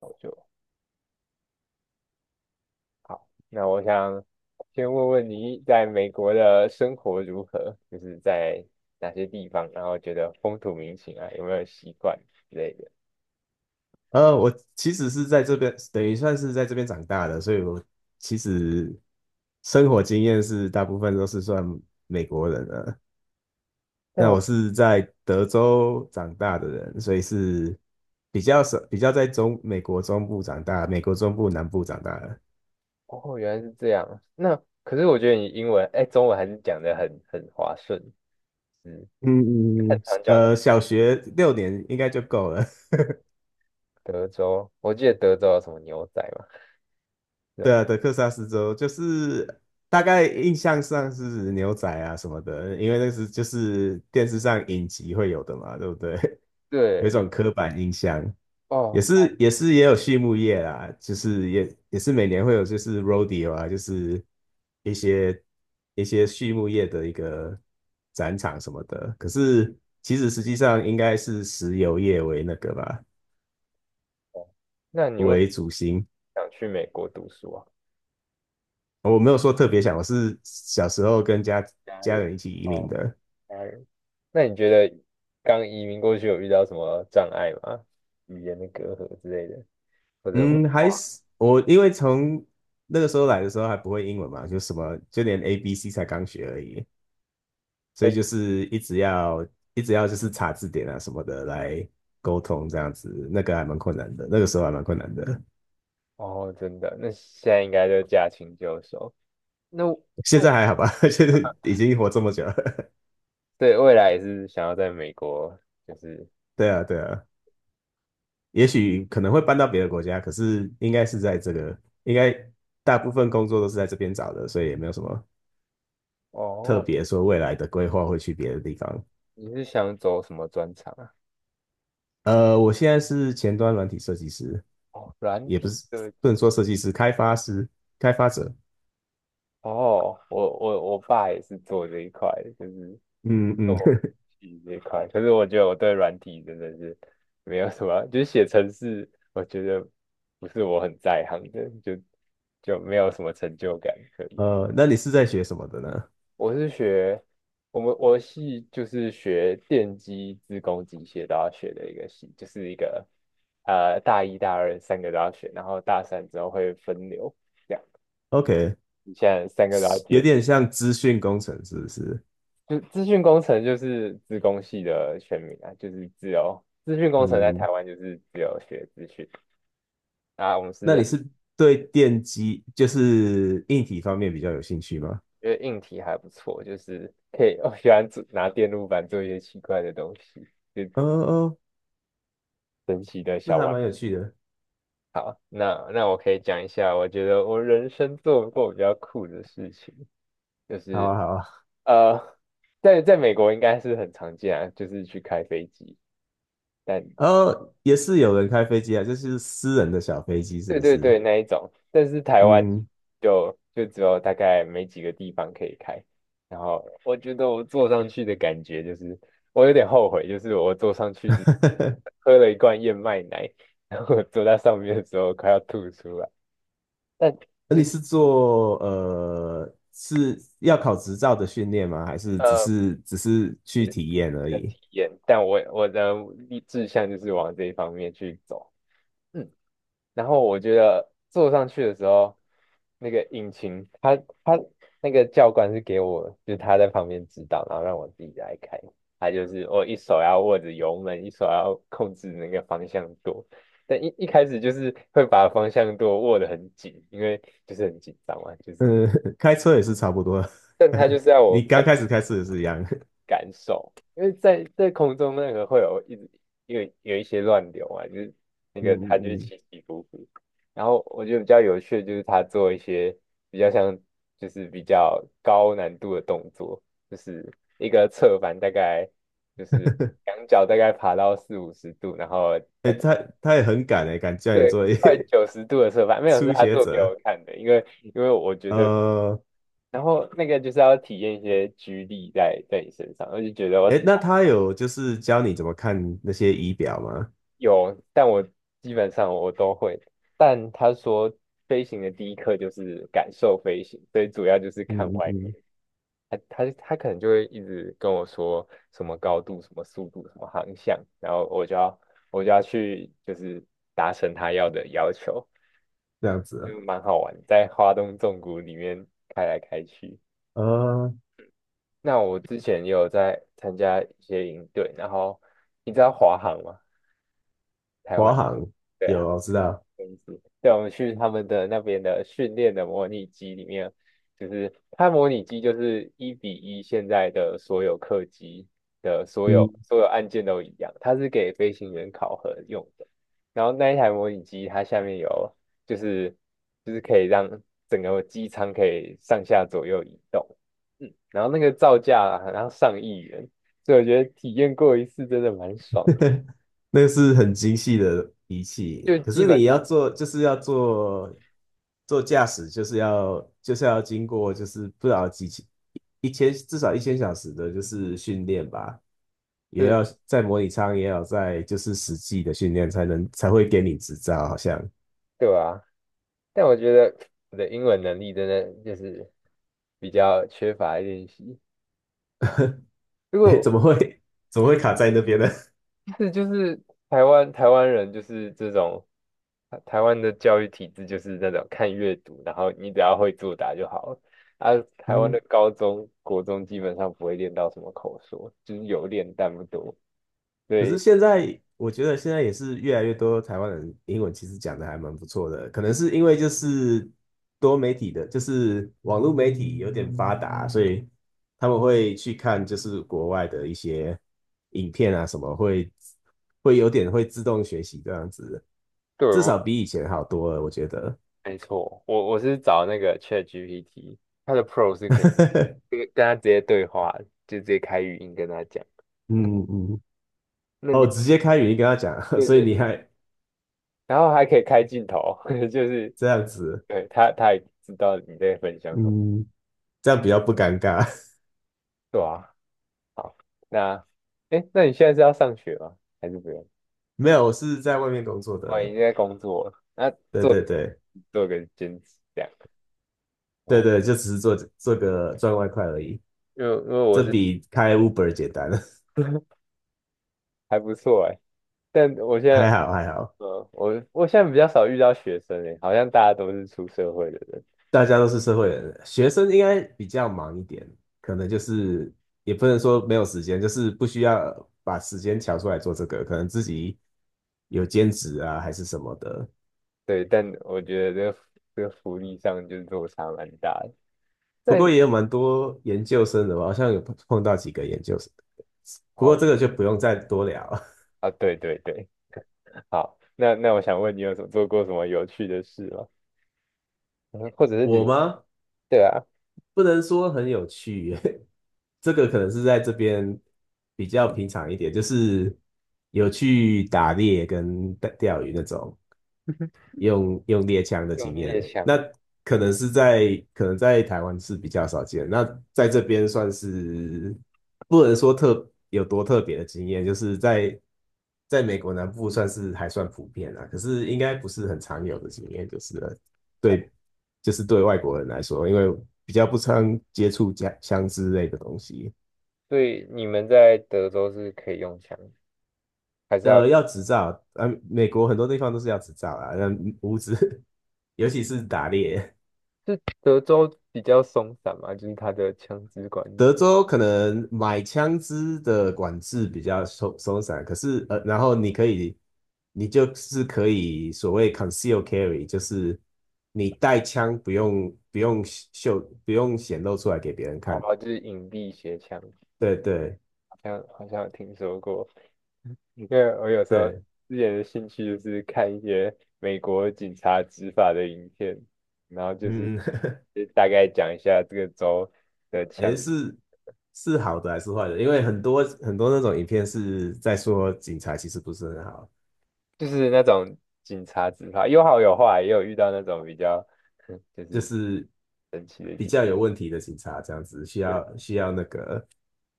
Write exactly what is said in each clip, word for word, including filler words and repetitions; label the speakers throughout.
Speaker 1: 我就好，那我想先问问你在美国的生活如何，就是在哪些地方，然后觉得风土民情啊，有没有习惯之类的。
Speaker 2: 呃，我其实是在这边，等于算是在这边长大的，所以我其实生活经验是大部分都是算美国人了。
Speaker 1: 但
Speaker 2: 那
Speaker 1: 我
Speaker 2: 我是在德州长大的人，所以是比较少，比较在中美国中部长大，美国中部南部长大的。
Speaker 1: 哦，原来是这样。那可是我觉得你英文，哎，中文还是讲的很很滑顺，嗯，
Speaker 2: 嗯嗯
Speaker 1: 很
Speaker 2: 嗯。
Speaker 1: 常讲到
Speaker 2: 呃，小学六年应该就够了。
Speaker 1: 德州，我记得德州有什么牛仔嘛，是
Speaker 2: 对
Speaker 1: 吧？
Speaker 2: 啊，德克萨斯州就是大概印象上是牛仔啊什么的，因为那是就是电视上影集会有的嘛，对不对？有一
Speaker 1: 对，
Speaker 2: 种刻板印象，
Speaker 1: 哦，
Speaker 2: 也是也是也有畜牧业啦，就是也也是每年会有就是 rodeo 啊，就是一些一些畜牧业的一个展场什么的。可是其实实际上应该是石油业为那个吧，
Speaker 1: 哦，那你为什
Speaker 2: 为
Speaker 1: 么
Speaker 2: 主心。
Speaker 1: 想去美国读书啊？
Speaker 2: 我没有说特别想，我是小时候跟家
Speaker 1: 家
Speaker 2: 家
Speaker 1: 人，
Speaker 2: 人一起移民
Speaker 1: 哦，
Speaker 2: 的。
Speaker 1: 家人。那你觉得刚移民过去有遇到什么障碍吗？语言的隔阂之类的，或者文
Speaker 2: 嗯，
Speaker 1: 化？
Speaker 2: 还是我因为从那个时候来的时候还不会英文嘛，就什么就连 A B C 才刚学而已，所以
Speaker 1: 嗯，
Speaker 2: 就是一直要一直要就是查字典啊什么的来沟通这样子，那个还蛮困难的，那个时候还蛮困难的。
Speaker 1: 哦，真的，那现在应该就驾轻就熟。那
Speaker 2: 现
Speaker 1: 未，
Speaker 2: 在还好吧，就是已经活这么久了。
Speaker 1: 对，未来也是想要在美国，就是
Speaker 2: 对啊，对啊，也许可能会搬到别的国家，可是应该是在这个，应该大部分工作都是在这边找的，所以也没有什么特
Speaker 1: 哦，
Speaker 2: 别说未来的规划会去别的地方。
Speaker 1: 你是想走什么专长啊？
Speaker 2: 呃，我现在是前端软体设计师，
Speaker 1: 哦，软
Speaker 2: 也不
Speaker 1: 体
Speaker 2: 是
Speaker 1: 设计。
Speaker 2: 不能说设计师，开发师、开发者。
Speaker 1: 哦，我我我爸也是做这一块的，就是
Speaker 2: 嗯嗯，
Speaker 1: 我 其这一块，可是我觉得我对软体真的是没有什么，就是写程式，我觉得不是我很在行的，就就没有什么成就感可言。
Speaker 2: 呃，那你是在学什么的呢
Speaker 1: 我是学我们我的系就是学电机、自工、机械都要学的一个系，就是一个呃大一、大二三个都要学，然后大三之后会分流，这样
Speaker 2: ？OK，
Speaker 1: 你现在三个都要
Speaker 2: 有
Speaker 1: 接。
Speaker 2: 点像资讯工程，是不是？
Speaker 1: 就资讯工程就是资工系的全名啊，就是只有资讯工程在台
Speaker 2: 嗯，
Speaker 1: 湾就是自由学资讯啊。我们
Speaker 2: 那
Speaker 1: 是
Speaker 2: 你是对电机，就是硬体方面比较有兴趣吗？
Speaker 1: 因为硬体还不错，就是可以我喜欢做拿电路板做一些奇怪的东西，就
Speaker 2: 哦哦，
Speaker 1: 神奇的
Speaker 2: 那
Speaker 1: 小
Speaker 2: 还
Speaker 1: 玩。
Speaker 2: 蛮有趣的。
Speaker 1: 好，那那我可以讲一下，我觉得我人生做过比较酷的事情，就
Speaker 2: 好
Speaker 1: 是
Speaker 2: 啊，好啊。
Speaker 1: 呃，在在美国应该是很常见啊，就是去开飞机，但
Speaker 2: 哦，也是有人开飞机啊，就是私人的小飞机，是
Speaker 1: 对
Speaker 2: 不
Speaker 1: 对
Speaker 2: 是？
Speaker 1: 对，那一种，但是台湾
Speaker 2: 嗯，
Speaker 1: 就就只有大概没几个地方可以开。然后我觉得我坐上去的感觉就是，我有点后悔，就是我坐上去 之
Speaker 2: 哈哈。
Speaker 1: 喝了一罐燕麦奶，然后我坐在上面的时候快要吐出来。但
Speaker 2: 那你是做呃是要考执照的训练吗？还是只
Speaker 1: 呃
Speaker 2: 是只是去体验而
Speaker 1: 的
Speaker 2: 已？
Speaker 1: 体验，但我我的志向就是往这一方面去走。嗯，然后我觉得坐上去的时候，那个引擎，他他那个教官是给我，就是他在旁边指导，然后让我自己来开。他就是我一手要握着油门，一手要控制那个方向舵。但一一开始就是会把方向舵握得很紧，因为就是很紧张嘛，就是。
Speaker 2: 呃，开车也是差不多，
Speaker 1: 但他 就是要我
Speaker 2: 你刚开始开车也是一样。
Speaker 1: 感受，因为在在空中那个会有一直有有一些乱流啊，就是那
Speaker 2: 嗯
Speaker 1: 个它就是
Speaker 2: 嗯嗯，
Speaker 1: 起起伏伏。然后我觉得比较有趣的就是他做一些比较像就是比较高难度的动作，就是一个侧翻大概就是两脚大概爬到四五十度，然后大
Speaker 2: 哎，他
Speaker 1: 概
Speaker 2: 他也很敢哎，敢叫你
Speaker 1: 对
Speaker 2: 做一
Speaker 1: 快 九十度的侧翻，没有是
Speaker 2: 初
Speaker 1: 他
Speaker 2: 学
Speaker 1: 做给我
Speaker 2: 者。
Speaker 1: 看的，因为因为我觉得。
Speaker 2: 呃，
Speaker 1: 然后那个就是要体验一些居力在在你身上，我就觉得我体
Speaker 2: 哎，那他有就是教你怎么看那些仪表吗？
Speaker 1: 有，但我基本上我都会。但他说飞行的第一课就是感受飞行，所以主要就是看
Speaker 2: 嗯嗯
Speaker 1: 外面。
Speaker 2: 嗯，
Speaker 1: 他他他可能就会一直跟我说什么高度、什么速度、什么航向，然后我就要我就要去就是达成他要的要求，
Speaker 2: 这样子啊。
Speaker 1: 就蛮好玩，在华东纵谷里面开来开去。
Speaker 2: 呃，
Speaker 1: 那我之前也有在参加一些营队，然后你知道华航吗？
Speaker 2: 华航
Speaker 1: 对。
Speaker 2: 有，我知道。
Speaker 1: 东西对，我们去他们的那边的训练的模拟机里面，就是它模拟机就是一比一，现在的所有客机的所有
Speaker 2: 嗯。
Speaker 1: 所有按键都一样，它是给飞行员考核用的。然后那一台模拟机，它下面有就是就是可以让整个机舱可以上下左右移动，嗯，然后那个造价啊好像上亿元，所以我觉得体验过一次真的蛮爽 的，
Speaker 2: 那个是很精细的仪器，
Speaker 1: 就
Speaker 2: 可
Speaker 1: 基
Speaker 2: 是
Speaker 1: 本
Speaker 2: 你要
Speaker 1: 上
Speaker 2: 做，就是要做做驾驶，就是要就是要经过，就是不知道几千一千至少一千小时的，就是训练吧，也
Speaker 1: 是
Speaker 2: 要在模拟舱，也要在就是实际的训练，才能才会给你执照。好像，
Speaker 1: 对吧？但我觉得我的英文能力真的就是比较缺乏练习。如
Speaker 2: 哎，
Speaker 1: 果
Speaker 2: 怎么会怎么会卡在那边呢？
Speaker 1: 是就是台湾台湾人就是这种，啊台湾的教育体制就是那种看阅读，然后你只要会作答就好了。啊，台湾
Speaker 2: 嗯。
Speaker 1: 的高中、国中基本上不会练到什么口说，就是有练但不多。
Speaker 2: 可是
Speaker 1: 对，
Speaker 2: 现在我觉得现在也是越来越多台湾人英文其实讲的还蛮不错的，可能是因为就是多媒体的，就是网络媒体有点发达，所以他们会去看就是国外的一些影片啊什么，会会有点会自动学习这样子，
Speaker 1: 对，
Speaker 2: 至
Speaker 1: 我
Speaker 2: 少比以前好多了，我觉得。
Speaker 1: 没错，我我是找那个 ChatGPT，它的 Pro 是可以跟 跟他直接对话，就直接开语音跟它讲。
Speaker 2: 嗯嗯，
Speaker 1: 那
Speaker 2: 哦，
Speaker 1: 你
Speaker 2: 直接开语音跟他讲，
Speaker 1: 对
Speaker 2: 所以
Speaker 1: 对，
Speaker 2: 你还
Speaker 1: 然后还可以开镜头，就是
Speaker 2: 这样子，
Speaker 1: 对他他也知道你在分享什么，
Speaker 2: 嗯，这样比较不尴尬。
Speaker 1: 对啊。好，那哎，诶，那你现在是要上学吗？还是不用？
Speaker 2: 没有，我是在外面工作
Speaker 1: 我已
Speaker 2: 的。
Speaker 1: 经在工作了，那
Speaker 2: 对
Speaker 1: 做
Speaker 2: 对对
Speaker 1: 做个兼职这样。
Speaker 2: 对
Speaker 1: 哦，
Speaker 2: 对，就只是做做个赚外快而已，
Speaker 1: 因为因为我
Speaker 2: 这
Speaker 1: 是
Speaker 2: 比开 Uber 简单，
Speaker 1: 还不错哎，但我现
Speaker 2: 还
Speaker 1: 在
Speaker 2: 好还好，
Speaker 1: 呃，我我现在比较少遇到学生哎，好像大家都是出社会的人。
Speaker 2: 大家都是社会人，学生应该比较忙一点，可能就是也不能说没有时间，就是不需要把时间调出来做这个，可能自己有兼职啊还是什么的。
Speaker 1: 对，但我觉得这个这个福利上就是落差蛮大的。
Speaker 2: 不
Speaker 1: 在
Speaker 2: 过也有蛮多研究生的吧，好像有碰碰到几个研究生，不过
Speaker 1: 哦
Speaker 2: 这个就不用再多聊。
Speaker 1: 啊，对对对，好，那那我想问你有什么做过什么有趣的事吗？嗯，或者 是
Speaker 2: 我
Speaker 1: 旅，
Speaker 2: 吗？
Speaker 1: 对啊，
Speaker 2: 不能说很有趣，这个可能是在这边比较平常一点，就是有去打猎跟钓钓鱼那种。用用猎枪的经
Speaker 1: 用猎
Speaker 2: 验，
Speaker 1: 枪
Speaker 2: 那
Speaker 1: 哦。
Speaker 2: 可能是在可能在台湾是比较少见，那在这边算是不能说特有多特别的经验，就是在在美国南部算是还算普遍啦，可是应该不是很常有的经验，就是了。
Speaker 1: 哦，
Speaker 2: 对，就是对外国人来说，因为比较不常接触家枪支类的东西。
Speaker 1: 所以你们在德州是可以用枪，还是要？
Speaker 2: 呃，要执照，啊，美国很多地方都是要执照啦，那无执，尤其是打猎。
Speaker 1: 是德州比较松散嘛，就是它的枪支管理，
Speaker 2: 德州可能买枪支的管制比较松松散，可是呃，然后你可以，你就是可以所谓 conceal carry，就是你带枪不用不用秀不用显露出来给别人
Speaker 1: 好
Speaker 2: 看。
Speaker 1: 吧，就是隐蔽携枪，
Speaker 2: 对对
Speaker 1: 好像好像有听说过。因为我有时候
Speaker 2: 对，
Speaker 1: 之前的兴趣就是看一些美国警察执法的影片，然后就是
Speaker 2: 嗯，
Speaker 1: 就大概讲一下这个州。的枪。
Speaker 2: 诶，是是好的还是坏的？因为很多很多那种影片是在说警察其实不是很好，
Speaker 1: 就是那种警察执法，有好有坏，也有遇到那种比较 就
Speaker 2: 就
Speaker 1: 是
Speaker 2: 是
Speaker 1: 神奇的
Speaker 2: 比
Speaker 1: 警。
Speaker 2: 较有问题的警察这样子，需
Speaker 1: 对，
Speaker 2: 要需要那个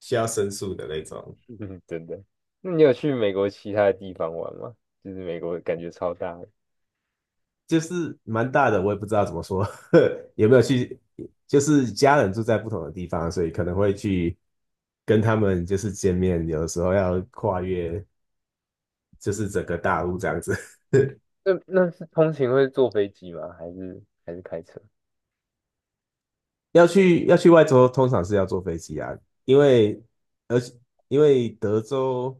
Speaker 2: 需要申诉的那种。
Speaker 1: 真的。那你有去美国其他的地方玩吗？就是美国感觉超大的。
Speaker 2: 就是蛮大的，我也不知道怎么说，有没有去，就是家人住在不同的地方，所以可能会去跟他们就是见面，有的时候要跨越就是整个大陆这样子。
Speaker 1: 那那是通勤会坐飞机吗？还是还是开车？
Speaker 2: 要去要去外州，通常是要坐飞机啊，因为而且因为德州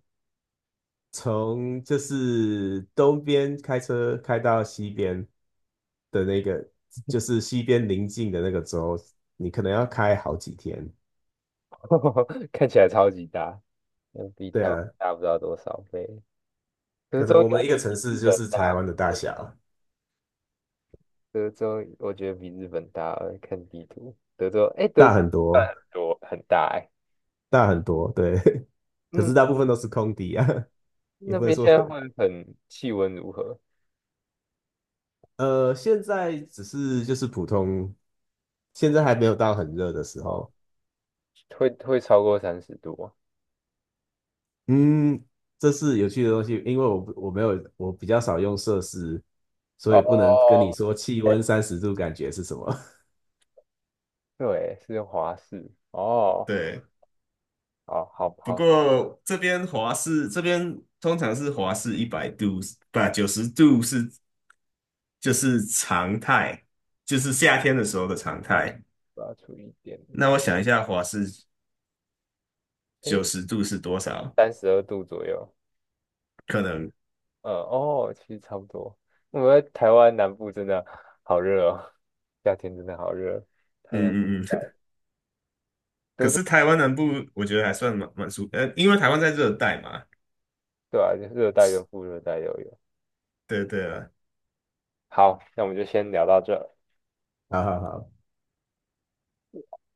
Speaker 2: 从就是东边开车开到西边的那个，就是西边邻近的那个州，你可能要开好几天，
Speaker 1: 看起来超级大，那比
Speaker 2: 对
Speaker 1: 台湾
Speaker 2: 啊。
Speaker 1: 大不知道多少倍。德
Speaker 2: 可
Speaker 1: 州
Speaker 2: 能
Speaker 1: 应
Speaker 2: 我
Speaker 1: 该
Speaker 2: 们一
Speaker 1: 也
Speaker 2: 个城
Speaker 1: 比日
Speaker 2: 市就
Speaker 1: 本
Speaker 2: 是
Speaker 1: 大，
Speaker 2: 台湾的大
Speaker 1: 我
Speaker 2: 小，
Speaker 1: 德州我觉得比日本大。看地图，德州，哎、德
Speaker 2: 大
Speaker 1: 州
Speaker 2: 很
Speaker 1: 算
Speaker 2: 多，
Speaker 1: 很多很大哎、
Speaker 2: 大很多，对。可是大部分都是空地啊，也
Speaker 1: 那
Speaker 2: 不能
Speaker 1: 边
Speaker 2: 说，
Speaker 1: 现在会很气温如何？
Speaker 2: 呃，现在只是就是普通，现在还没有到很热的时
Speaker 1: 哦，
Speaker 2: 候。
Speaker 1: 会会超过三十度吗？
Speaker 2: 嗯，这是有趣的东西，因为我不我没有我比较少用摄氏，所以不能跟你
Speaker 1: 哦，
Speaker 2: 说气温三十度感觉是什么。
Speaker 1: 对，是华氏 哦，
Speaker 2: 对，
Speaker 1: 好好
Speaker 2: 不
Speaker 1: 好，
Speaker 2: 过这边华氏这边通常是华氏一百度，不九十度是就是常态，就是夏天的时候的常态。
Speaker 1: 我要除一点，
Speaker 2: 那我想一下，华氏
Speaker 1: 诶，
Speaker 2: 九十度是多少？
Speaker 1: 三十二度左右，
Speaker 2: 可能，嗯
Speaker 1: 嗯，哦，其实差不多。我们在台湾南部真的好热哦，夏天真的好热，太阳很
Speaker 2: 嗯嗯。
Speaker 1: 晒，
Speaker 2: 可是台湾南部我觉得还算蛮蛮舒服，呃，因为台湾在热带嘛。
Speaker 1: 对啊，热带跟副热带都有。
Speaker 2: 对对了，
Speaker 1: 好，那我们就先聊到这。
Speaker 2: 好好好，